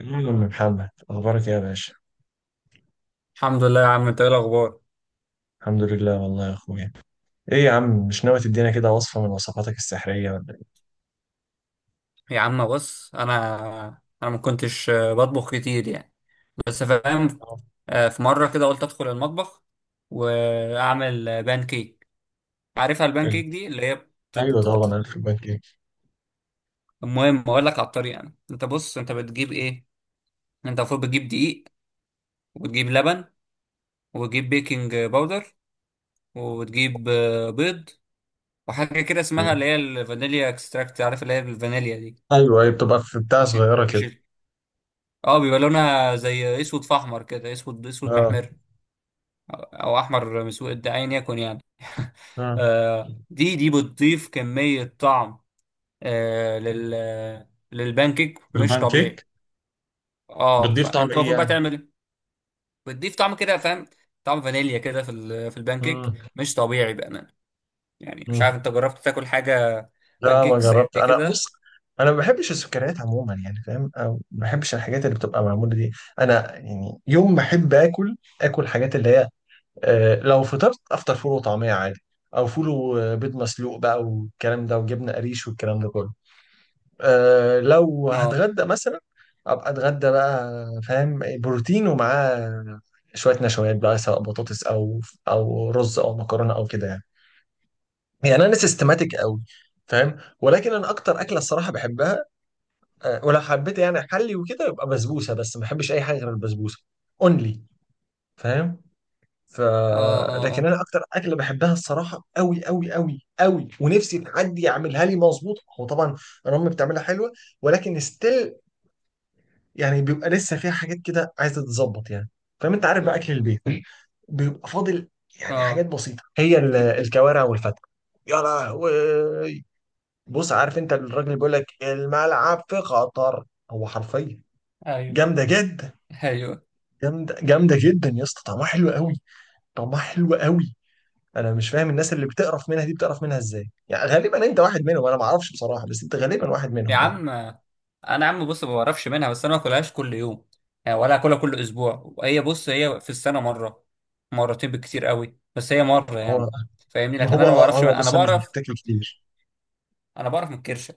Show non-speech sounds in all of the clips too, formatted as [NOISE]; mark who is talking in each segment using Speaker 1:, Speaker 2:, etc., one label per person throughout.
Speaker 1: محمد، أخبارك إيه يا باشا؟
Speaker 2: الحمد لله يا عم، انت ايه الاخبار؟
Speaker 1: الحمد لله والله يا أخويا. إيه يا عم، مش ناوي تدينا كده وصفة من وصفاتك السحرية ولا إيه؟
Speaker 2: يا عم بص، انا ما كنتش بطبخ كتير يعني، بس فاهم.
Speaker 1: آه.
Speaker 2: في مره كده قلت ادخل المطبخ واعمل بان كيك. عارفها البان
Speaker 1: حلو.
Speaker 2: كيك دي اللي هي
Speaker 1: أيوه طبعا ألف البان كيك.
Speaker 2: المهم اقول لك على الطريقه يعني. انت بص، انت بتجيب ايه؟ انت المفروض بتجيب دقيق، وتجيب لبن، وتجيب بيكنج باودر، وتجيب بيض، وحاجه كده اسمها
Speaker 1: أيوه
Speaker 2: اللي هي الفانيليا اكستراكت، عارف اللي هي الفانيليا دي؟
Speaker 1: أيوه أيوة، بتبقى في بتاع صغيرة
Speaker 2: مش
Speaker 1: كده.
Speaker 2: اه، بيبقى لونها زي اسود في احمر كده، اسود اسود
Speaker 1: آه.
Speaker 2: محمر، او احمر مسود، ايا يكن يعني. [LAUGHS]
Speaker 1: آه،
Speaker 2: دي بتضيف كمية طعم، آه، لل للبانكيك
Speaker 1: في
Speaker 2: مش
Speaker 1: البان
Speaker 2: طبيعي.
Speaker 1: كيك.
Speaker 2: اه،
Speaker 1: بتضيف طعم
Speaker 2: فانت
Speaker 1: إيه
Speaker 2: المفروض بقى
Speaker 1: يعني؟
Speaker 2: تعمل ايه؟ بتضيف طعم كده فاهم، طعم فانيليا كده في في البانكيك،
Speaker 1: مم.
Speaker 2: مش طبيعي بأمانة. يعني مش عارف
Speaker 1: مم.
Speaker 2: انت جربت تاكل حاجة،
Speaker 1: لا ما
Speaker 2: بانكيك زي
Speaker 1: جربت. أنا بص،
Speaker 2: كده؟
Speaker 1: أنا ما بحبش السكريات عموما يعني، فاهم؟ أو ما بحبش الحاجات اللي بتبقى معمولة دي. أنا يعني يوم ما أحب آكل، آكل حاجات اللي هي، لو فطرت افطر فول وطعميه عادي، او فول وبيض مسلوق بقى والكلام ده وجبنه قريش والكلام ده كله. أه لو
Speaker 2: اه
Speaker 1: هتغدى مثلا ابقى اتغدى بقى. فاهم؟ بروتين ومعاه شويه نشويات بقى، سواء بطاطس او رز او مكرونه او كده يعني. يعني انا سيستماتيك قوي، فاهم؟ ولكن انا اكتر اكله الصراحه بحبها. أه ولو حبيت يعني احلي وكده يبقى بسبوسه، بس ما بحبش اي حاجه غير البسبوسه. اونلي. فاهم؟ ف
Speaker 2: اه اه
Speaker 1: لكن
Speaker 2: اه.
Speaker 1: انا اكتر اكله بحبها الصراحه قوي قوي قوي قوي، ونفسي حد يعملها لي مظبوط. هو طبعا انا امي بتعملها حلوه، ولكن ستيل يعني بيبقى لسه فيها حاجات كده عايزه تتظبط يعني. فاهم؟ انت عارف بقى اكل البيت بيبقى فاضل. يعني حاجات
Speaker 2: اه.
Speaker 1: بسيطه هي الكوارع والفتة. يا لهوي. بص، عارف انت الراجل بيقول لك الملعب في خطر؟ هو حرفيا
Speaker 2: ايوه
Speaker 1: جامده جدا.
Speaker 2: ايوه.
Speaker 1: جامده جامده جدا يا اسطى، طعمها حلو قوي. طعمها حلو قوي. انا مش فاهم الناس اللي بتقرف منها دي بتقرف منها ازاي يعني. غالبا انت واحد منهم، انا ما اعرفش بصراحه بس انت غالبا واحد
Speaker 2: يا
Speaker 1: منهم يعني.
Speaker 2: عم انا، يا عم بص، ما بعرفش منها، بس انا ما باكلهاش كل يوم يعني، ولا اكلها كل اسبوع. هي بص، هي في السنه مره، مرتين بالكتير قوي، بس هي مره يعني،
Speaker 1: هو
Speaker 2: فاهمني؟
Speaker 1: ما
Speaker 2: لكن
Speaker 1: هو
Speaker 2: انا ما
Speaker 1: اه
Speaker 2: بعرفش
Speaker 1: هو
Speaker 2: انا
Speaker 1: بص انا مش
Speaker 2: بعرف،
Speaker 1: بتتاكل كتير.
Speaker 2: انا بعرف من الكرشه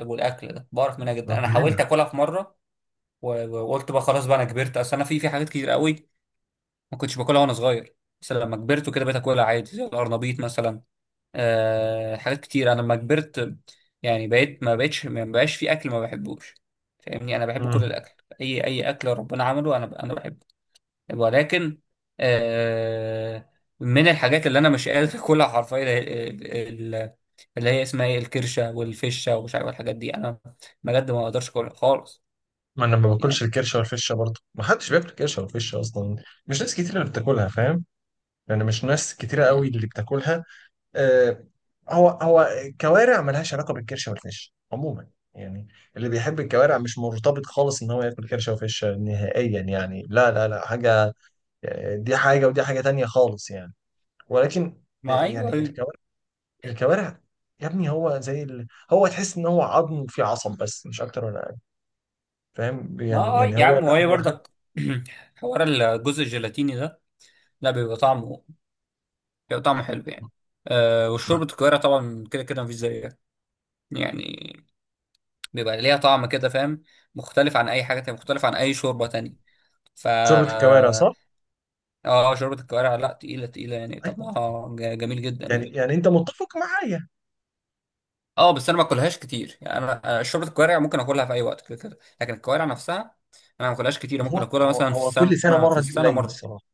Speaker 2: والاكل ده، بعرف منها جدا.
Speaker 1: ما
Speaker 2: انا
Speaker 1: كلنا.
Speaker 2: حاولت اكلها في مره، وقلت بقى خلاص بقى، انا كبرت. اصل انا في حاجات كتير قوي ما كنتش باكلها وانا صغير، بس لما كبرت وكده بقيت اكلها عادي، زي القرنبيط مثلا. آه، حاجات كتير انا لما كبرت يعني بقيت ما بقاش في اكل ما بحبوش، فاهمني؟ انا بحب كل
Speaker 1: امم
Speaker 2: الاكل، اي اكل ربنا عمله انا بحبه. ولكن آه، من الحاجات اللي انا مش قادر اكلها حرفيا ال- اللي هي اسمها ايه، الكرشه والفشه ومش عارف الحاجات دي، انا بجد ما اقدرش اكلها خالص
Speaker 1: ما انا ما باكلش
Speaker 2: يعني.
Speaker 1: الكرشه والفشه برضه، ما حدش بياكل كرشه والفشه اصلا. مش ناس كتير اللي بتاكلها، فاهم؟ يعني مش ناس كتيره
Speaker 2: م.
Speaker 1: قوي اللي بتاكلها. آه. هو كوارع ملهاش علاقه بالكرشه والفشه عموما يعني. اللي بيحب الكوارع مش مرتبط خالص ان هو ياكل كرشه وفشه نهائيا يعني، لا لا لا حاجه. دي حاجة ودي حاجة تانية خالص يعني. ولكن،
Speaker 2: ما ايوه،
Speaker 1: يعني
Speaker 2: أيوة.
Speaker 1: الكوارع، يا ابني، هو تحس ان هو عظم فيه عصب بس مش اكتر ولا اقل. فاهم؟
Speaker 2: ما
Speaker 1: يعني
Speaker 2: آه يا
Speaker 1: هو
Speaker 2: عم،
Speaker 1: لا،
Speaker 2: وهي
Speaker 1: هو حد.
Speaker 2: برضك [CLEARS THROAT] حوار الجزء الجيلاتيني ده، لا بيبقى طعمه، بيبقى طعمه حلو يعني. أه وشوربة الكوارع طبعا كده كده مفيش زيها يعني، بيبقى ليها طعم كده فاهم، مختلف عن أي حاجة تانية، مختلف عن أي شوربة تانية. فا
Speaker 1: شوربة الكوارع صح؟
Speaker 2: اه، شوربة الكوارع لا، تقيلة تقيلة يعني،
Speaker 1: ايوه.
Speaker 2: طعمها جميل جدا
Speaker 1: يعني
Speaker 2: يعني.
Speaker 1: انت متفق معايا.
Speaker 2: اه بس انا ما باكلهاش كتير يعني، انا شوربة الكوارع ممكن اكلها في اي وقت كده كده، لكن الكوارع نفسها انا ما باكلهاش كتير، ممكن
Speaker 1: هو
Speaker 2: اكلها
Speaker 1: هو
Speaker 2: مثلا في
Speaker 1: هو
Speaker 2: السنة،
Speaker 1: كل سنة
Speaker 2: في
Speaker 1: مرة دي
Speaker 2: السنة
Speaker 1: قليل
Speaker 2: مرة.
Speaker 1: الصراحة.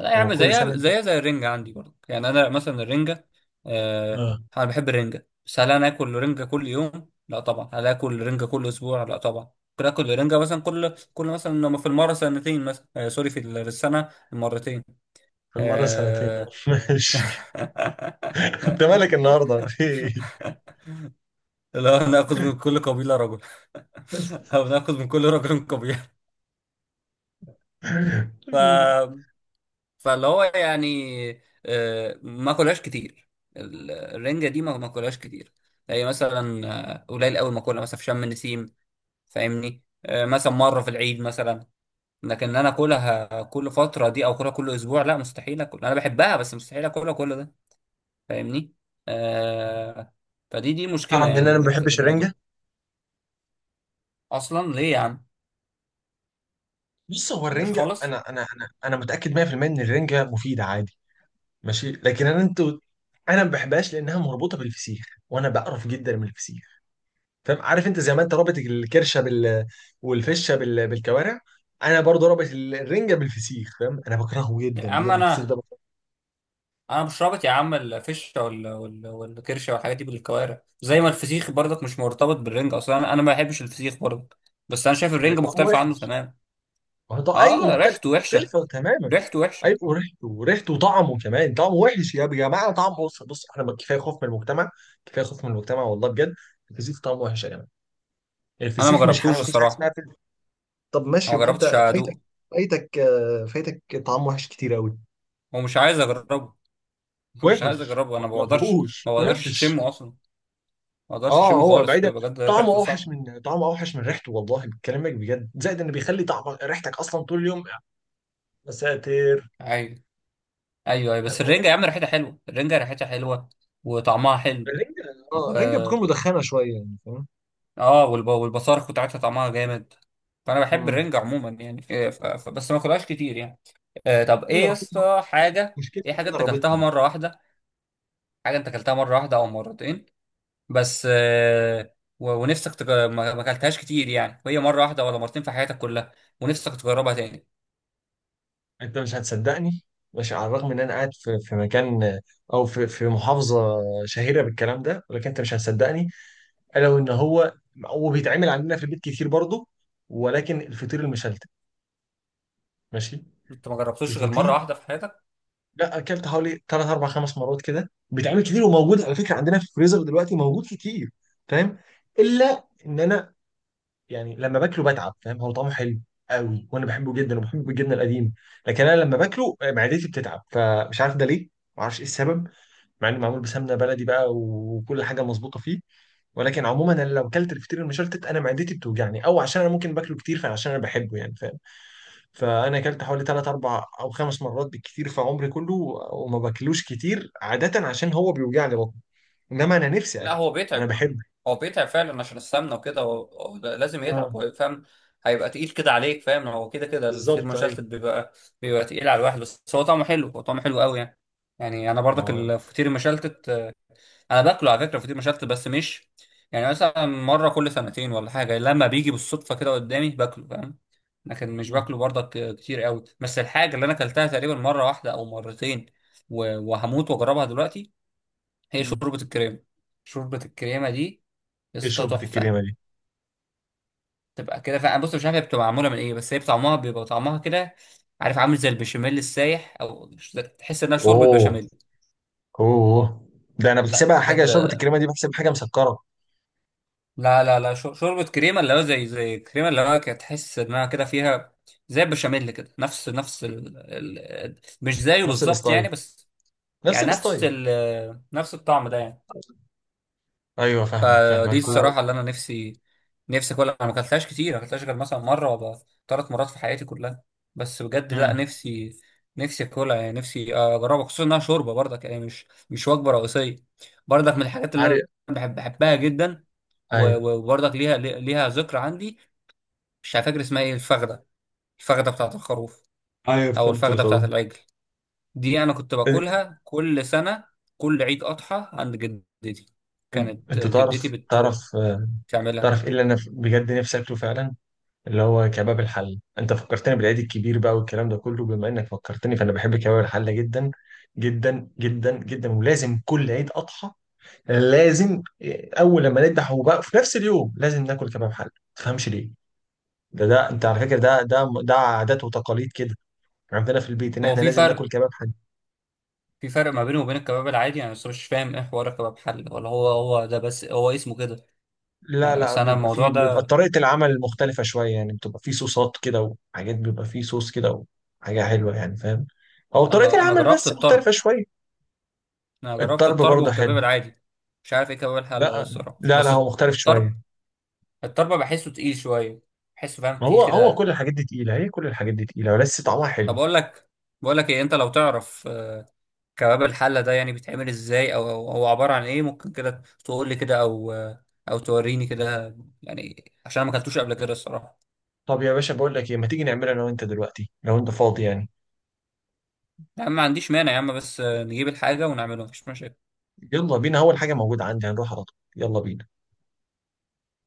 Speaker 2: لا يا
Speaker 1: هو
Speaker 2: عم،
Speaker 1: كل سنة
Speaker 2: زيها
Speaker 1: دي.
Speaker 2: زيها زي الرنجة عندي برضه يعني. أنا مثلا الرنجة، آه،
Speaker 1: اه.
Speaker 2: أنا بحب الرنجة، بس هل أنا آكل رنجة كل يوم؟ لا طبعا. هل آكل رنجة كل أسبوع؟ لا طبعا. ممكن آكل رنجة مثلا كل مثلا لما في المرة سنتين مثلا، آه سوري، في في السنة مرتين.
Speaker 1: في المرة سنتين. آه.
Speaker 2: آه...
Speaker 1: [LAUGHS] ماشي.
Speaker 2: [LAUGHS]
Speaker 1: انت مالك النهارده في إيه؟
Speaker 2: لو ناخذ من كل قبيلة رجل، [LAUGHS] أو ناخذ من كل رجل قبيلة. ف
Speaker 1: [LAUGHS]
Speaker 2: فاللي هو يعني آه، ما كلهاش كتير، الرنجة دي ما كلهاش كتير. هي مثلا آه، قليل قوي، ما كلها مثلا في شم النسيم فاهمني، آه، مثلا مرة في العيد مثلا. لكن ان انا اكلها كل فترة دي او اكلها كل اسبوع، لا مستحيل اكل. انا بحبها بس مستحيل اكلها كل ده، فاهمني؟ آه، فدي مشكلة
Speaker 1: تعرف ان
Speaker 2: يعني
Speaker 1: انا ما
Speaker 2: اللي بتاعت
Speaker 1: بحبش الرنجة.
Speaker 2: الموضوع. اصلا ليه يا عم؟
Speaker 1: بص، هو
Speaker 2: مبقاش
Speaker 1: الرنجة
Speaker 2: خالص.
Speaker 1: أنا متأكد 100% إن الرنجة مفيدة عادي. ماشي لكن أنا، أنتوا، أنا ما بحبهاش لأنها مربوطة بالفسيخ، وأنا بقرف جدا من الفسيخ. فاهم؟ عارف أنت زي ما أنت رابط الكرشة بال، والفشة بالكوارع، أنا برضه رابط الرنجة بالفسيخ. فاهم؟ أنا بكرهه
Speaker 2: يا
Speaker 1: جدا،
Speaker 2: عم
Speaker 1: بجد الفسيخ ده
Speaker 2: انا،
Speaker 1: بكرهه.
Speaker 2: انا مش رابط يا عم الفشه والكرشه والحاجات دي بالكوارع، زي ما الفسيخ برضك مش مرتبط بالرنج اصلا. انا أنا ما بحبش الفسيخ برضك، بس انا شايف الرنج
Speaker 1: طعمه
Speaker 2: مختلف عنه
Speaker 1: وحش.
Speaker 2: تمام.
Speaker 1: ما هو أيوه
Speaker 2: اه،
Speaker 1: مختلف،
Speaker 2: ريحته وحشه،
Speaker 1: مختلفة تماما.
Speaker 2: ريحته
Speaker 1: أيوه
Speaker 2: وحشه.
Speaker 1: وريحته وطعمه، كمان طعمه وحش يا جماعة. طعمه بص بص، إحنا كفاية خوف من المجتمع. كفاية خوف من المجتمع والله بجد. الفسيخ طعمه وحش يا جماعة.
Speaker 2: انا ما
Speaker 1: الفسيخ مش حاجه،
Speaker 2: جربتوش
Speaker 1: مفيش حاجه اسمها
Speaker 2: الصراحه،
Speaker 1: فسيخ. طب ماشي
Speaker 2: انا ما
Speaker 1: يبقى انت
Speaker 2: جربتش
Speaker 1: فايتك.
Speaker 2: ادوقه
Speaker 1: فايتك طعام وحش كتير قوي.
Speaker 2: ومش عايز اجربه. [LAUGHS] مش عايز
Speaker 1: وحش،
Speaker 2: اجربه،
Speaker 1: ما
Speaker 2: انا ما بقدرش،
Speaker 1: تجربوش،
Speaker 2: ما بقدرش
Speaker 1: وحش.
Speaker 2: اشمه اصلا، ما بقدرش
Speaker 1: اه
Speaker 2: اشمه
Speaker 1: هو
Speaker 2: خالص
Speaker 1: بعيدا،
Speaker 2: بجد، ريحته صعبه.
Speaker 1: طعمه اوحش من ريحته والله بكلامك بجد، زائد انه بيخلي طعم ريحتك اصلا طول اليوم. يا ساتر.
Speaker 2: ايوه ايوه ايوه. بس الرنجه يا عم ريحتها حلوه، الرنجه ريحتها حلوه وطعمها حلو.
Speaker 1: الرنجه.
Speaker 2: و...
Speaker 1: اه الرنجه بتكون مدخنه شويه يعني، فاهم؟
Speaker 2: اه والب... والبصارخ بتاعتها طعمها جامد. فانا بحب
Speaker 1: مم.
Speaker 2: الرنجة عموما يعني، بس ما اكلهاش كتير يعني. آه طب ايه
Speaker 1: انا
Speaker 2: يا
Speaker 1: رابطها.
Speaker 2: اسطى حاجة، ايه
Speaker 1: مشكلتي ان
Speaker 2: حاجة
Speaker 1: انا
Speaker 2: انت اكلتها
Speaker 1: رابطها.
Speaker 2: مرة واحدة، حاجة انت اكلتها مرة واحدة او مرتين بس، آه و... ما اكلتهاش كتير يعني، وهي مرة واحدة ولا مرتين في حياتك كلها، ونفسك تجربها تاني؟
Speaker 1: انت مش هتصدقني. ماشي، على الرغم ان انا قاعد في مكان، او في محافظه شهيره بالكلام ده، ولكن انت مش هتصدقني. الا وان هو بيتعمل عندنا في البيت كتير برضه. ولكن الفطير المشلتت، ماشي.
Speaker 2: انت ما جربتوش غير مرة
Speaker 1: الفطير،
Speaker 2: واحدة في حياتك؟
Speaker 1: لا اكلت حوالي 3 4 5 مرات كده، بيتعمل كتير وموجود على فكره عندنا في الفريزر دلوقتي، موجود كتير. فاهم؟ الا ان انا يعني لما باكله بتعب، فاهم؟ هو طعمه حلو قوي وانا بحبه جدا وبحبه الجبنه القديم. لكن انا لما باكله معدتي بتتعب، فمش عارف ده ليه. ما اعرفش ايه السبب، مع انه معمول بسمنه بلدي بقى وكل حاجه مظبوطه فيه. ولكن عموما انا لو اكلت الفطير المشلتت انا معدتي بتوجعني، او عشان انا ممكن باكله كتير فعشان انا بحبه يعني، فاهم؟ فانا اكلت حوالي 3 4 او 5 مرات بالكتير في عمري كله، وما باكلوش كتير عاده عشان هو بيوجعني بطني. انما انا نفسي
Speaker 2: لا
Speaker 1: اكله،
Speaker 2: هو بيتعب،
Speaker 1: انا بحبه.
Speaker 2: هو بيتعب فعلا عشان السمنه وكده، هو هو لازم يتعب.
Speaker 1: اه
Speaker 2: هو فاهم، هيبقى تقيل كده عليك فاهم، هو كده كده الفطير
Speaker 1: بالظبط ايوه.
Speaker 2: مشلتت بيبقى، بيبقى تقيل على الواحد، بس هو طعمه حلو، هو طعمه حلو قوي يعني. يعني انا برضك
Speaker 1: اه.
Speaker 2: الفطير المشلتت آه، انا باكله على فكره فطير مشلتت، بس مش يعني مثلا مره كل سنتين ولا حاجه، لما بيجي بالصدفه كده قدامي باكله فاهم. لكن مش
Speaker 1: مم.
Speaker 2: باكله برضك آه، كتير قوي. بس الحاجه اللي انا اكلتها تقريبا مره واحده او مرتين، وهموت واجربها دلوقتي، هي
Speaker 1: مم.
Speaker 2: شوربه الكريمه. شوربة الكريمة دي يا
Speaker 1: ايه
Speaker 2: اسطى
Speaker 1: شوربة
Speaker 2: تحفه،
Speaker 1: الكريمة دي؟
Speaker 2: تبقى كده فعلا. بص مش عارف هي بتبقى معموله من ايه، بس هي طعمها بيبقى طعمها كده، عارف عامل زي البشاميل السايح، او تحس انها شوربه
Speaker 1: اوه.
Speaker 2: بشاميل.
Speaker 1: اوه. ده انا
Speaker 2: لا
Speaker 1: بحسبها حاجة،
Speaker 2: بجد،
Speaker 1: شوربة الكريمة دي بحسب حاجة مسكرة.
Speaker 2: لا لا لا، شوربه كريمه، اللي هو زي زي كريمه، اللي هو كده تحس انها كده فيها زي البشاميل كده، نفس نفس مش زيه
Speaker 1: نفس
Speaker 2: بالظبط يعني
Speaker 1: الستايل.
Speaker 2: بس،
Speaker 1: نفس
Speaker 2: يعني نفس
Speaker 1: الستايل.
Speaker 2: نفس الطعم ده يعني.
Speaker 1: ايوه فاهمك
Speaker 2: فدي
Speaker 1: فاهمك
Speaker 2: الصراحة
Speaker 1: أيوة.
Speaker 2: اللي أنا نفسي، نفسي أكلها. أنا ما أكلتهاش كتير، ما أكلتهاش غير مثلا مرة ولا ثلاث مرات في حياتي كلها، بس بجد لا
Speaker 1: مم.
Speaker 2: نفسي، نفسي أكلها يعني نفسي أجربها، خصوصا إنها شوربة برضك يعني، مش مش وجبة رئيسية. برضك من الحاجات اللي أنا
Speaker 1: عارف.
Speaker 2: بحب بحبها جدا،
Speaker 1: ايوه
Speaker 2: وبرضك ليها ليها ذكرى عندي. مش فاكر اسمها إيه، الفخدة، الفخدة بتاعت الخروف
Speaker 1: أيوة
Speaker 2: أو
Speaker 1: فهمت
Speaker 2: الفخدة
Speaker 1: الخروف.
Speaker 2: بتاعت العجل، دي أنا كنت
Speaker 1: إن-
Speaker 2: باكلها كل سنة، كل عيد أضحى عند جدتي، كانت
Speaker 1: انت
Speaker 2: جدتي بتعملها.
Speaker 1: تعرف ايه اللي انا بجد نفسي اكله فعلا؟ اللي هو كباب الحل. انت فكرتني بالعيد الكبير بقى والكلام ده كله، بما انك فكرتني فانا بحب كباب الحله جدا جدا جدا جدا، ولازم كل عيد اضحى لازم. اول لما نذبح وبقى في نفس اليوم لازم ناكل كباب حل، ما تفهمش ليه. ده انت على فكره ده عادات وتقاليد كده عندنا في البيت، ان
Speaker 2: هو
Speaker 1: احنا
Speaker 2: في
Speaker 1: لازم ناكل
Speaker 2: فرق،
Speaker 1: كباب حل.
Speaker 2: في فرق ما بينه وبين الكباب العادي يعني، بس مش فاهم ايه حوار الكباب حل، ولا هو هو ده بس هو اسمه كده؟
Speaker 1: لا
Speaker 2: يعني
Speaker 1: لا،
Speaker 2: اصل انا
Speaker 1: بيبقى في
Speaker 2: الموضوع
Speaker 1: بيبقى
Speaker 2: ده،
Speaker 1: طريقه العمل مختلفه شويه يعني، بتبقى في صوصات كده وحاجات، بيبقى في صوص كده وحاجه حلوه يعني، فاهم؟ او طريقه
Speaker 2: انا
Speaker 1: العمل
Speaker 2: جربت
Speaker 1: بس مختلفه
Speaker 2: الطرب،
Speaker 1: شويه.
Speaker 2: انا جربت
Speaker 1: الطرب
Speaker 2: الطرب
Speaker 1: برضه حلو.
Speaker 2: والكباب العادي. مش عارف ايه كباب الحل ده
Speaker 1: لا.
Speaker 2: الصراحه،
Speaker 1: لا لا
Speaker 2: بس
Speaker 1: هو مختلف شويه.
Speaker 2: الطرب، الطرب بحسه تقيل شويه، بحسه فاهم فيه
Speaker 1: هو
Speaker 2: كده.
Speaker 1: كل الحاجات دي تقيله، هي كل الحاجات دي تقيله، ولسه طعمها حلو.
Speaker 2: طب اقول لك، بقول لك ايه، انت لو تعرف آه، كباب الحله ده يعني بيتعمل ازاي، او أو هو عباره عن ايه، ممكن كده تقول لي كده، او آه، او توريني كده يعني، عشان أنا ما اكلتوش قبل كده الصراحه.
Speaker 1: طب يا باشا بقول لك ايه، ما تيجي نعملها انا وانت دلوقتي لو انت فاضي يعني؟
Speaker 2: يا عم ما عنديش مانع يا عم، بس آه، نجيب الحاجة ونعمله مفيش مشاكل.
Speaker 1: يلا بينا، اول حاجه موجوده عندي هنروح على طول، يلا بينا.